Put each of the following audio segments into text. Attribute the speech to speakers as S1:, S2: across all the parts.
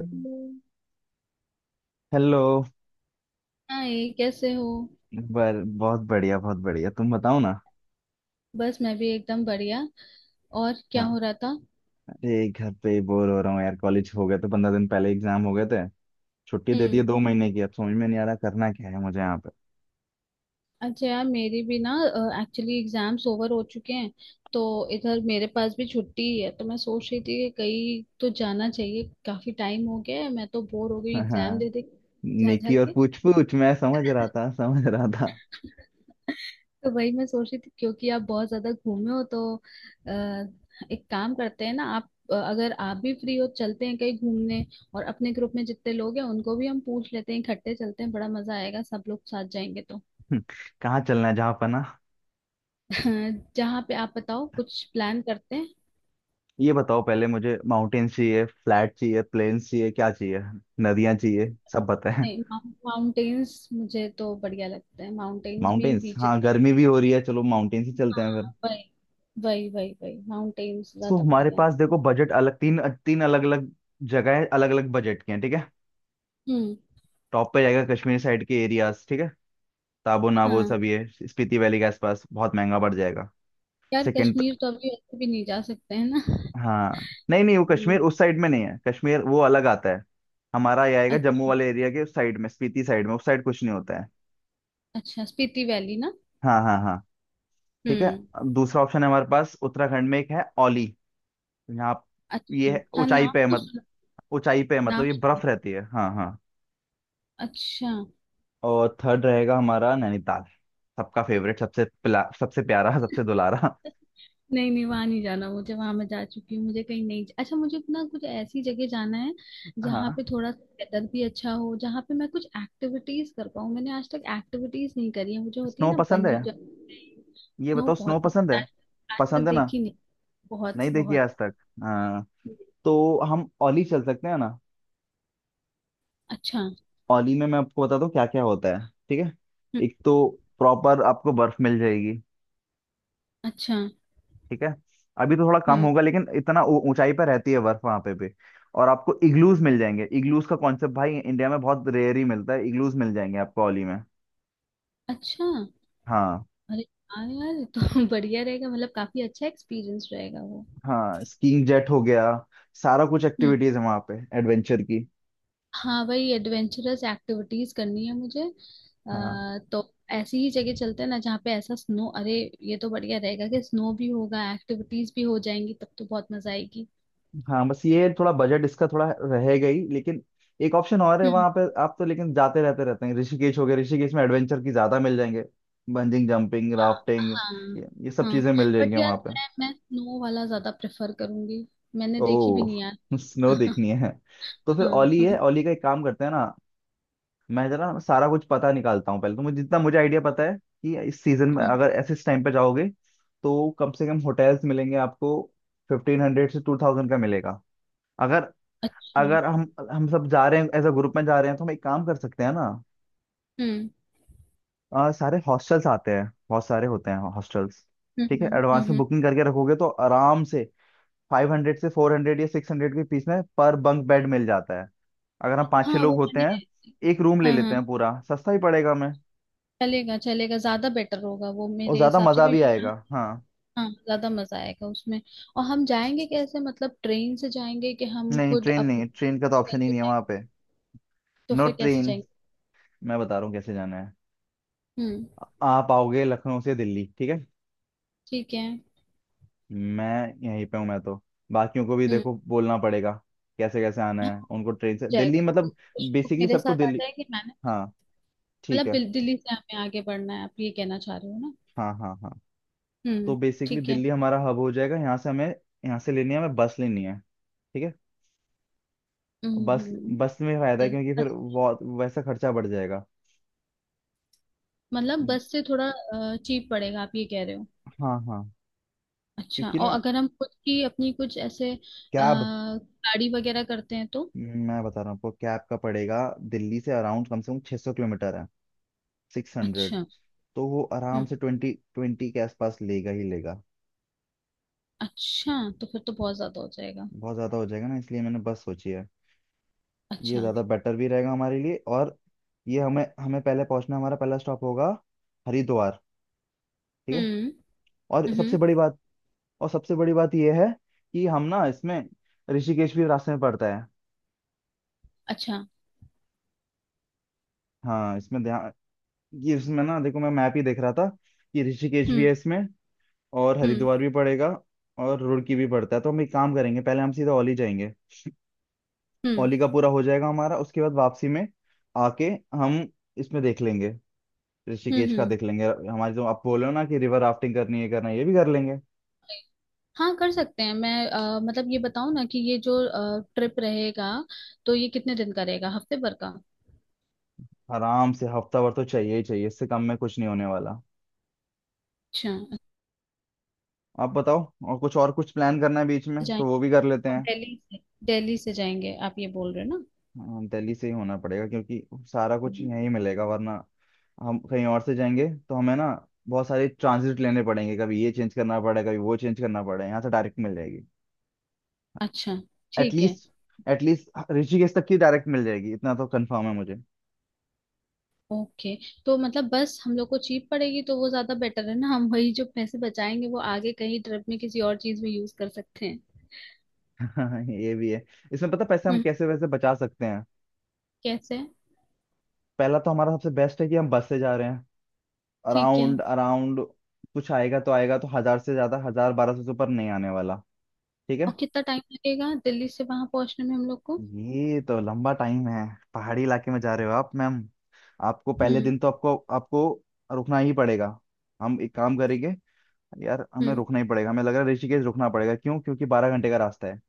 S1: Hello.
S2: Hi, कैसे हो।
S1: बर बहुत बढ़िया, बहुत बढ़िया। तुम बताओ ना।
S2: बस मैं भी एकदम बढ़िया। और क्या
S1: हाँ,
S2: हो रहा था।
S1: अरे घर पे बोर हो रहा हूँ यार। कॉलेज हो गया तो 15 दिन पहले एग्जाम हो गए थे। छुट्टी दे दी
S2: हम्म।
S1: है 2 महीने की। अब समझ में नहीं आ रहा करना क्या है मुझे यहाँ पे।
S2: अच्छा यार, मेरी भी ना एक्चुअली एग्जाम्स ओवर हो चुके हैं, तो इधर मेरे पास भी छुट्टी ही है। तो मैं सोच रही थी कि कहीं तो जाना चाहिए, काफी टाइम हो गया है, मैं तो बोर हो गई एग्जाम दे
S1: हाँ,
S2: दे जा जा
S1: नेकी और
S2: के
S1: पूछ पूछ, मैं समझ रहा था, समझ रहा था।
S2: तो वही मैं सोच रही थी, क्योंकि आप बहुत ज्यादा घूमे हो तो एक काम करते हैं ना आप, अगर आप भी फ्री हो चलते हैं कहीं घूमने। और अपने ग्रुप में जितने लोग हैं उनको भी हम पूछ लेते हैं, इकट्ठे चलते हैं, बड़ा मजा आएगा सब लोग साथ जाएंगे तो।
S1: कहाँ चलना है जहाँ पर ना।
S2: जहाँ पे आप बताओ, कुछ प्लान करते हैं।
S1: ये बताओ पहले, मुझे माउंटेन्स चाहिए, फ्लैट चाहिए, प्लेन्स चाहिए, क्या चाहिए, नदियाँ चाहिए, सब बताएं।
S2: नहीं, माउंटेन्स मुझे तो बढ़िया लगता है, माउंटेन्स भी
S1: माउंटेन्स,
S2: बीच।
S1: हाँ गर्मी भी हो रही है, चलो माउंटेन्स ही चलते हैं।
S2: हाँ वही। वही माउंटेन्स
S1: तो
S2: ज्यादा
S1: हमारे
S2: बढ़िया है।
S1: पास देखो बजट अलग, तीन तीन अलग अलग जगह है, अलग अलग बजट के हैं। ठीक है।
S2: हम्म।
S1: टॉप पे जाएगा कश्मीर साइड के एरियाज। ठीक है। ताबो नाबो
S2: हाँ
S1: सब ये स्पीति वैली के आसपास, बहुत महंगा पड़ जाएगा।
S2: यार,
S1: सेकंड।
S2: कश्मीर तो अभी ऐसे भी नहीं जा सकते हैं ना।
S1: हाँ नहीं नहीं, वो
S2: हम्म,
S1: कश्मीर उस साइड में नहीं है, कश्मीर वो अलग आता है। हमारा ये आएगा जम्मू
S2: अच्छा।
S1: वाले एरिया के उस साइड में, स्पीति साइड में। उस साइड कुछ नहीं होता है।
S2: अच्छा, स्पीति वैली ना।
S1: हाँ हाँ हाँ। ठीक है।
S2: हम्म।
S1: अब दूसरा ऑप्शन है हमारे पास उत्तराखंड में, एक है औली। यहाँ। ये
S2: अच्छा,
S1: है
S2: हाँ
S1: ऊंचाई पे
S2: नाम
S1: है
S2: तो
S1: मत
S2: सुना।
S1: ऊंचाई पे है मतलब
S2: नाम
S1: ये
S2: सुना।
S1: बर्फ रहती है। हाँ हाँ।
S2: अच्छा।
S1: और थर्ड रहेगा हमारा नैनीताल, सबका फेवरेट, सबसे पिला, सबसे प्यारा, सबसे दुलारा।
S2: नहीं नहीं, वहां नहीं जाना, मुझे वहां मैं जा चुकी हूँ। मुझे कहीं नहीं, अच्छा मुझे अपना कुछ ऐसी जगह जाना है जहाँ
S1: हाँ,
S2: पे थोड़ा वेदर भी अच्छा हो, जहाँ पे मैं कुछ एक्टिविटीज कर पाऊँ। मैंने आज तक एक्टिविटीज नहीं करी है, मुझे होती है
S1: स्नो
S2: ना
S1: पसंद है?
S2: Bungee jumping.
S1: ये
S2: स्नो
S1: बताओ, स्नो
S2: बहुत
S1: पसंद
S2: पसंद है।
S1: है?
S2: आज आज तक
S1: पसंद है ना?
S2: देखी नहीं। बहुत
S1: नहीं देखी
S2: बहुत।
S1: आज तक। हाँ, तो हम ओली चल सकते हैं ना।
S2: अच्छा
S1: ओली में मैं आपको बताता हूँ क्या क्या होता है। ठीक है। एक तो प्रॉपर आपको बर्फ मिल जाएगी।
S2: अच्छा।
S1: ठीक है। अभी तो थोड़ा कम
S2: हम्म।
S1: होगा लेकिन इतना ऊंचाई पर रहती है बर्फ वहां पे भी। और आपको इग्लूज मिल जाएंगे। इग्लूज का कॉन्सेप्ट भाई इंडिया में बहुत रेयर ही मिलता है। इग्लूज मिल जाएंगे आपको ओली में।
S2: अच्छा।
S1: हाँ।
S2: अरे, हाँ यार ये तो बढ़िया रहेगा, मतलब काफी अच्छा एक्सपीरियंस रहेगा वो।
S1: हाँ स्कीइंग जेट हो गया, सारा कुछ
S2: हम्म।
S1: एक्टिविटीज है वहाँ पे एडवेंचर की।
S2: हाँ वही एडवेंचरस एक्टिविटीज करनी है मुझे।
S1: हाँ
S2: तो ऐसी ही जगह चलते हैं ना जहाँ पे ऐसा स्नो। अरे ये तो बढ़िया रहेगा कि स्नो भी होगा, एक्टिविटीज भी हो जाएंगी, तब तो बहुत मजा आएगी।
S1: हाँ, बस ये थोड़ा बजट इसका थोड़ा रहेगा ही, लेकिन एक ऑप्शन और है
S2: हम्म।
S1: वहाँ पे, आप तो लेकिन जाते रहते रहते हैं, ऋषिकेश हो गया। ऋषिकेश में एडवेंचर की ज्यादा मिल जाएंगे, बंजिंग जंपिंग
S2: हाँ
S1: राफ्टिंग,
S2: हाँ।
S1: ये सब
S2: हाँ
S1: चीजें मिल
S2: बट
S1: जाएंगी
S2: यार,
S1: वहाँ पे।
S2: मैं स्नो वाला ज्यादा प्रेफर करूंगी। मैंने देखी भी
S1: ओह,
S2: नहीं यार।
S1: स्नो
S2: हाँ।
S1: देखनी है। तो फिर
S2: हाँ
S1: ओली है।
S2: हाँ,
S1: ओली का एक काम करते हैं ना, मैं जरा सारा कुछ पता निकालता हूँ पहले। तो मुझे जितना मुझे आइडिया पता है कि इस सीजन में
S2: हम्म,
S1: अगर ऐसे इस टाइम पे जाओगे तो कम से कम होटल्स मिलेंगे आपको 1500 से 2000 का मिलेगा। अगर
S2: अच्छा।
S1: अगर हम सब जा रहे हैं, एज अ ग्रुप में जा रहे हैं तो हम एक काम कर सकते हैं ना।
S2: हम्म
S1: सारे हॉस्टल्स आते हैं, बहुत सारे होते हैं हॉस्टल्स।
S2: हम्म
S1: ठीक है,
S2: हम्म
S1: एडवांस में
S2: हम्म,
S1: बुकिंग करके रखोगे तो आराम से 500 से 400 या 600 के बीच में पर बंक बेड मिल जाता है। अगर हम पाँच छह
S2: हाँ
S1: लोग
S2: वो
S1: होते
S2: मैंने।
S1: हैं एक रूम ले
S2: हाँ
S1: लेते
S2: हाँ,
S1: हैं पूरा, सस्ता ही पड़ेगा हमें
S2: चलेगा चलेगा, ज्यादा बेटर होगा वो
S1: और
S2: मेरे
S1: ज्यादा
S2: हिसाब से,
S1: मजा भी
S2: क्योंकि
S1: आएगा। हाँ।
S2: हाँ ज्यादा मजा आएगा उसमें। और हम जाएंगे कैसे, मतलब ट्रेन से जाएंगे कि हम
S1: नहीं
S2: खुद
S1: ट्रेन
S2: अपने
S1: नहीं, ट्रेन का तो ऑप्शन ही
S2: करके
S1: नहीं है वहां
S2: जाएंगे।
S1: पे।
S2: तो
S1: नो
S2: फिर कैसे
S1: ट्रेन।
S2: जाएंगे।
S1: मैं बता रहा हूँ कैसे जाना है।
S2: हम्म।
S1: आप आओगे लखनऊ से दिल्ली। ठीक है।
S2: ठीक है।
S1: मैं यहीं पे हूँ मैं तो। बाकियों को भी
S2: हम्म।
S1: देखो बोलना पड़ेगा कैसे कैसे आना
S2: हाँ,
S1: है उनको, ट्रेन से
S2: जाएगा
S1: दिल्ली
S2: वो
S1: मतलब,
S2: कुछ लोग
S1: बेसिकली
S2: मेरे
S1: सबको
S2: साथ आ
S1: दिल्ली।
S2: जाएंगे मैंने।
S1: हाँ। ठीक
S2: मतलब
S1: है।
S2: बिल- दिल्ली से हमें आगे बढ़ना है, आप ये कहना चाह रहे हो ना।
S1: हाँ हाँ हाँ।
S2: हम्म।
S1: तो बेसिकली
S2: ठीक है।
S1: दिल्ली हमारा हब हो जाएगा, यहाँ से हमें, यहाँ से लेनी है, हमें बस लेनी है। ठीक है।
S2: हम्म
S1: बस,
S2: हम्म,
S1: बस में फायदा है क्योंकि फिर
S2: अच्छा,
S1: वो वैसा खर्चा बढ़ जाएगा।
S2: मतलब बस से थोड़ा चीप पड़ेगा आप ये कह रहे हो।
S1: हाँ हाँ।
S2: अच्छा,
S1: क्योंकि
S2: और
S1: ना
S2: अगर हम खुद की अपनी कुछ ऐसे
S1: कैब,
S2: गाड़ी वगैरह करते हैं तो।
S1: मैं बता रहा हूँ आपको कैब का पड़ेगा। दिल्ली से अराउंड कम से कम 600 किलोमीटर है, 600।
S2: अच्छा।
S1: तो वो आराम
S2: हम्म।
S1: से 2020 के आसपास लेगा ही लेगा।
S2: अच्छा तो फिर तो बहुत ज्यादा हो जाएगा।
S1: बहुत ज़्यादा हो जाएगा ना, इसलिए मैंने बस सोची है। ये
S2: अच्छा।
S1: ज़्यादा बेटर भी रहेगा हमारे लिए। और ये हमें हमें पहले पहुंचना, हमारा पहला स्टॉप होगा हरिद्वार। ठीक है।
S2: हम्म।
S1: और सबसे
S2: हम्म
S1: बड़ी बात, ये है कि हम ना इसमें ऋषिकेश भी रास्ते में पड़ता है।
S2: अच्छा
S1: हाँ, इसमें ध्यान ये इसमें ना देखो, मैं मैप ही देख रहा था कि ऋषिकेश भी है
S2: हम्म
S1: इसमें, और
S2: हम्म
S1: हरिद्वार भी पड़ेगा, और रुड़की भी पड़ता है। तो हम एक काम करेंगे, पहले हम सीधा औली जाएंगे।
S2: हम्म
S1: औली का पूरा हो जाएगा हमारा, उसके बाद वापसी में आके हम इसमें देख लेंगे, ऋषिकेश का
S2: हम्म।
S1: देख लेंगे। हमारी जो आप बोलो ना कि रिवर राफ्टिंग करनी है, करना है, ये भी कर लेंगे।
S2: हाँ कर सकते हैं। मैं मतलब ये बताऊँ ना कि ये जो ट्रिप रहेगा, तो ये कितने दिन का रहेगा, हफ्ते भर का।
S1: आराम से हफ्ता भर तो चाहिए ही चाहिए, इससे कम में कुछ नहीं होने वाला।
S2: अच्छा अच्छा,
S1: आप बताओ, और कुछ प्लान करना है बीच में तो
S2: जाएंगे।
S1: वो भी कर लेते
S2: और
S1: हैं।
S2: दिल्ली से, दिल्ली से जाएंगे आप ये बोल रहे हो ना।
S1: हाँ, दिल्ली से ही होना पड़ेगा क्योंकि सारा कुछ यहीं मिलेगा, वरना हम कहीं और से जाएंगे तो हमें ना बहुत सारे ट्रांजिट लेने पड़ेंगे, कभी ये चेंज करना पड़ा, कभी वो चेंज करना पड़ा। यहाँ से डायरेक्ट मिल जाएगी।
S2: अच्छा, ठीक है।
S1: एटलीस्ट एटलीस्ट ऋषिकेश तक की डायरेक्ट मिल जाएगी, इतना तो कंफर्म है मुझे।
S2: ओके, तो मतलब बस हम लोग को चीप पड़ेगी, तो वो ज्यादा बेटर है ना, हम वही जो पैसे बचाएंगे वो आगे कहीं ट्रिप में किसी और चीज में यूज कर सकते हैं।
S1: ये भी है। इसमें पता है पैसे हम
S2: हम्म,
S1: कैसे वैसे बचा सकते हैं।
S2: कैसे है?
S1: पहला तो हमारा सबसे बेस्ट है कि हम बस से जा रहे हैं।
S2: ठीक है।
S1: अराउंड अराउंड कुछ आएगा तो आएगा तो, हजार से ज्यादा, हजार 1200 से ऊपर नहीं आने वाला। ठीक
S2: और
S1: है।
S2: कितना टाइम लगेगा दिल्ली से वहां पहुंचने में हम लोग को।
S1: ये तो लंबा टाइम है, पहाड़ी इलाके में जा रहे हो आप मैम। आपको पहले
S2: हम्म।
S1: दिन तो आपको आपको रुकना ही पड़ेगा। हम एक काम करेंगे, यार हमें
S2: हम्म।
S1: रुकना ही पड़ेगा, हमें लग रहा है ऋषिकेश रुकना पड़ेगा। क्यों? क्योंकि 12 घंटे का रास्ता है।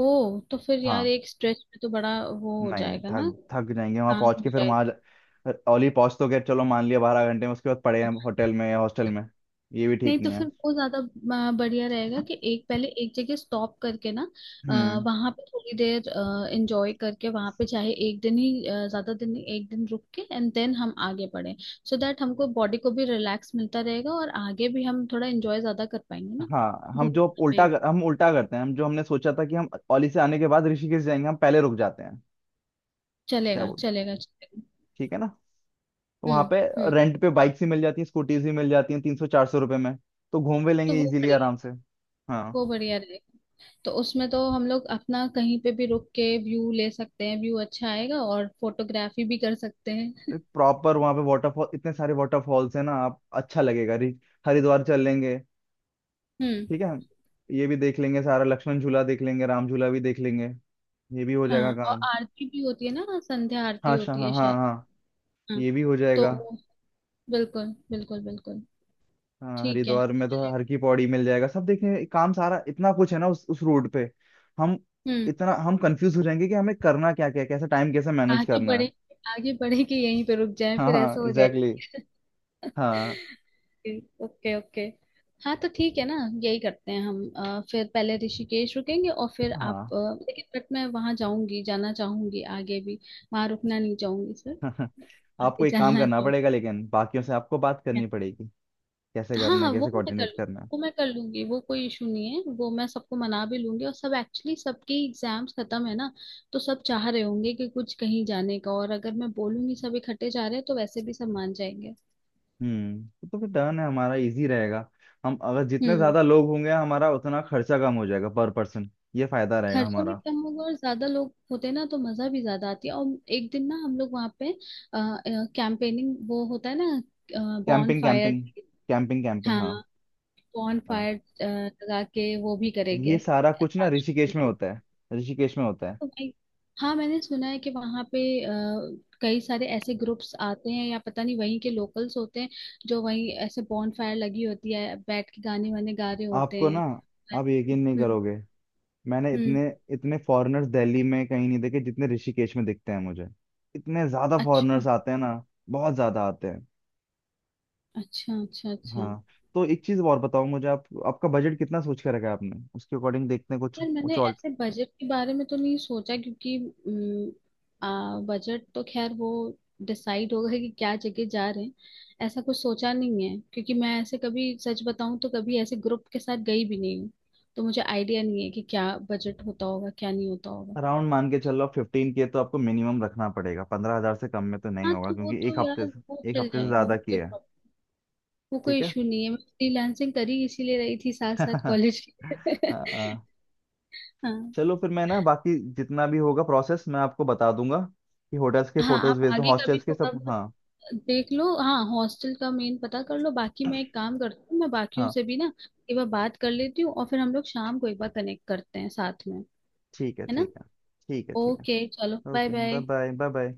S2: ओ तो फिर यार
S1: हाँ,
S2: एक स्ट्रेच में तो बड़ा वो हो
S1: नहीं
S2: जाएगा ना।
S1: थक थक जाएंगे वहां
S2: आसान
S1: पहुंच
S2: हो।
S1: के, फिर ओली पहुंच तो गए, चलो मान लिया 12 घंटे में, उसके बाद पड़े हैं होटल में या हॉस्टल में, ये भी
S2: नहीं
S1: ठीक
S2: तो
S1: नहीं
S2: फिर
S1: है।
S2: वो ज्यादा बढ़िया रहेगा कि एक पहले एक जगह स्टॉप करके ना
S1: हम्म।
S2: वहां पे थोड़ी देर एंजॉय करके, वहां पे चाहे एक दिन ही ज्यादा दिन नहीं, एक दिन रुक के एंड देन हम आगे बढ़े, सो दैट हमको बॉडी को भी रिलैक्स मिलता रहेगा और आगे भी हम थोड़ा एंजॉय ज्यादा कर पाएंगे ना,
S1: हाँ,
S2: घूम पाएंगे।
S1: हम उल्टा करते हैं, हम जो हमने सोचा था कि हम ओली से आने के बाद ऋषिकेश जाएंगे, हम पहले रुक जाते हैं। क्या
S2: चलेगा
S1: बोल,
S2: चलेगा चलेगा
S1: ठीक है ना? वहां
S2: हम्म।
S1: पे
S2: हम्म।
S1: रेंट पे बाइक्स ही मिल जाती हैं, स्कूटीज ही मिल जाती हैं 300-400 रुपये में, तो घूम भी
S2: तो
S1: लेंगे
S2: वो
S1: इजीली
S2: बढ़िया,
S1: आराम से। हाँ।
S2: वो बढ़िया रहेगा। तो उसमें तो हम लोग अपना कहीं पे भी रुक के व्यू ले सकते हैं, व्यू अच्छा आएगा और फोटोग्राफी भी कर सकते हैं।
S1: प्रॉपर वहां पे वाटरफॉल, इतने सारे वाटरफॉल्स हैं ना आप, अच्छा लगेगा। हरिद्वार चल लेंगे।
S2: हम्म।
S1: ठीक है। ये भी देख लेंगे सारा, लक्ष्मण झूला देख लेंगे, राम झूला भी देख लेंगे, ये भी हो जाएगा
S2: हाँ, और
S1: काम।
S2: आरती भी होती है ना, संध्या आरती
S1: हाँ, शाह
S2: होती
S1: हाँ
S2: है
S1: हाँ
S2: शायद।
S1: हाँ,
S2: हाँ
S1: ये भी हो
S2: तो
S1: जाएगा।
S2: वो- बिल्कुल बिल्कुल बिल्कुल
S1: हाँ
S2: ठीक है।
S1: हरिद्वार में तो हर की पौड़ी मिल जाएगा, सब देखें काम सारा, इतना कुछ है ना उस रोड पे। हम
S2: हम्म।
S1: इतना हम कंफ्यूज हो जाएंगे कि हमें करना क्या क्या है, कैसे टाइम कैसे मैनेज
S2: आगे
S1: करना है।
S2: बढ़े, आगे बढ़े कि यहीं पे रुक जाए,
S1: हाँ
S2: फिर
S1: हाँ
S2: ऐसा हो
S1: एग्जैक्टली।
S2: जाएगा।
S1: हाँ
S2: ओके ओके। हाँ तो ठीक है ना, यही करते हैं हम। फिर पहले ऋषिकेश रुकेंगे और फिर आप
S1: हाँ।
S2: लेकिन बट मैं वहां जाऊंगी, जाना चाहूंगी आगे भी। वहां रुकना नहीं चाहूंगी सर,
S1: आपको
S2: आगे
S1: एक काम
S2: जाना
S1: करना पड़ेगा
S2: चाहूंगी।
S1: लेकिन, बाकियों से आपको बात करनी पड़ेगी कैसे
S2: हाँ
S1: करना
S2: हाँ,
S1: है,
S2: वो
S1: कैसे
S2: मैं कर
S1: कोऑर्डिनेट
S2: लूँ,
S1: करना है।
S2: वो मैं कर लूंगी, वो कोई इशू नहीं है। वो मैं सबको मना भी लूंगी, और सब एक्चुअली सबके एग्जाम्स खत्म है ना, तो सब चाह रहे होंगे कि कुछ कहीं जाने का, और अगर मैं बोलूंगी सब इकट्ठे जा रहे हैं तो वैसे भी सब मान जाएंगे।
S1: हम्म, तो फिर डन है, हमारा इजी रहेगा। हम अगर जितने
S2: हम्म।
S1: ज्यादा लोग होंगे हमारा उतना खर्चा कम हो जाएगा पर पर्सन। ये फायदा रहेगा
S2: खर्चा भी
S1: हमारा।
S2: कम होगा, और ज्यादा लोग होते ना तो मजा भी ज्यादा आती है। और एक दिन ना हम लोग वहाँ पे कैंपेनिंग, वो होता है ना, बॉन
S1: camping
S2: fire.
S1: Camping, camping camping,
S2: हाँ,
S1: हाँ।
S2: बॉन
S1: हाँ,
S2: फायर लगा के वो भी करेंगे।
S1: ये सारा कुछ ना ऋषिकेश में होता है, ऋषिकेश में होता है।
S2: तो भाई, हाँ मैंने सुना है कि वहाँ पे अ, कई सारे ऐसे ग्रुप्स आते हैं, या पता नहीं वहीं के लोकल्स होते हैं जो वहीं ऐसे बॉन फायर लगी होती है बैठ के गाने वाने गा रहे होते
S1: आपको ना,
S2: हैं।
S1: आप यकीन नहीं
S2: हम्म।
S1: करोगे, मैंने
S2: हम्म।
S1: इतने इतने फॉरेनर्स दिल्ली में कहीं नहीं देखे जितने ऋषिकेश में दिखते हैं मुझे। इतने ज्यादा
S2: अच्छा
S1: फॉरेनर्स आते हैं ना, बहुत ज्यादा आते हैं।
S2: अच्छा अच्छा अच्छा
S1: हाँ। तो एक चीज और बताओ मुझे, आप आपका बजट कितना सोच के रखा है आपने? उसके अकॉर्डिंग देखते हैं कुछ
S2: यार, मैंने
S1: कुछ और।
S2: ऐसे बजट के बारे में तो नहीं सोचा, क्योंकि अम, बजट तो खैर वो डिसाइड होगा कि क्या जगह जा रहे हैं। ऐसा कुछ सोचा नहीं है क्योंकि मैं ऐसे कभी सच बताऊं तो कभी ऐसे ग्रुप के साथ गई भी नहीं हूँ, तो मुझे आइडिया नहीं है कि क्या बजट होता होगा क्या नहीं होता होगा।
S1: अराउंड मान के चलो फिफ्टीन के तो आपको मिनिमम रखना पड़ेगा, 15,000 से कम में तो नहीं
S2: हाँ
S1: होगा
S2: तो वो
S1: क्योंकि
S2: तो
S1: एक हफ्ते
S2: यार वो
S1: से एक
S2: चल
S1: हफ्ते से
S2: जाएगा, वो
S1: ज्यादा की
S2: कोई
S1: है।
S2: प्रॉब्लम, वो
S1: ठीक
S2: कोई
S1: है।
S2: इशू नहीं है। मैं फ्रीलांसिंग करी इसीलिए रही थी साथ साथ कॉलेज के।
S1: हाँ हाँ।
S2: हाँ।
S1: चलो फिर, मैं ना बाकी जितना भी होगा प्रोसेस मैं आपको बता दूंगा, कि होटल्स के
S2: हाँ
S1: फोटोज
S2: आप
S1: भेज दूँ
S2: आगे का भी
S1: हॉस्टल्स के
S2: थोड़ा
S1: सब, हाँ।
S2: देख लो, हाँ हॉस्टल का मेन पता कर लो। बाकी मैं एक काम करती हूँ, मैं बाकियों
S1: हाँ
S2: से भी ना एक बार बात कर लेती हूँ, और फिर हम लोग शाम को एक बार कनेक्ट करते हैं साथ में,
S1: ठीक है,
S2: है ना।
S1: ठीक है। ठीक है, ठीक
S2: ओके चलो,
S1: है।
S2: Bye
S1: okay, bye
S2: bye.
S1: Bye, bye bye.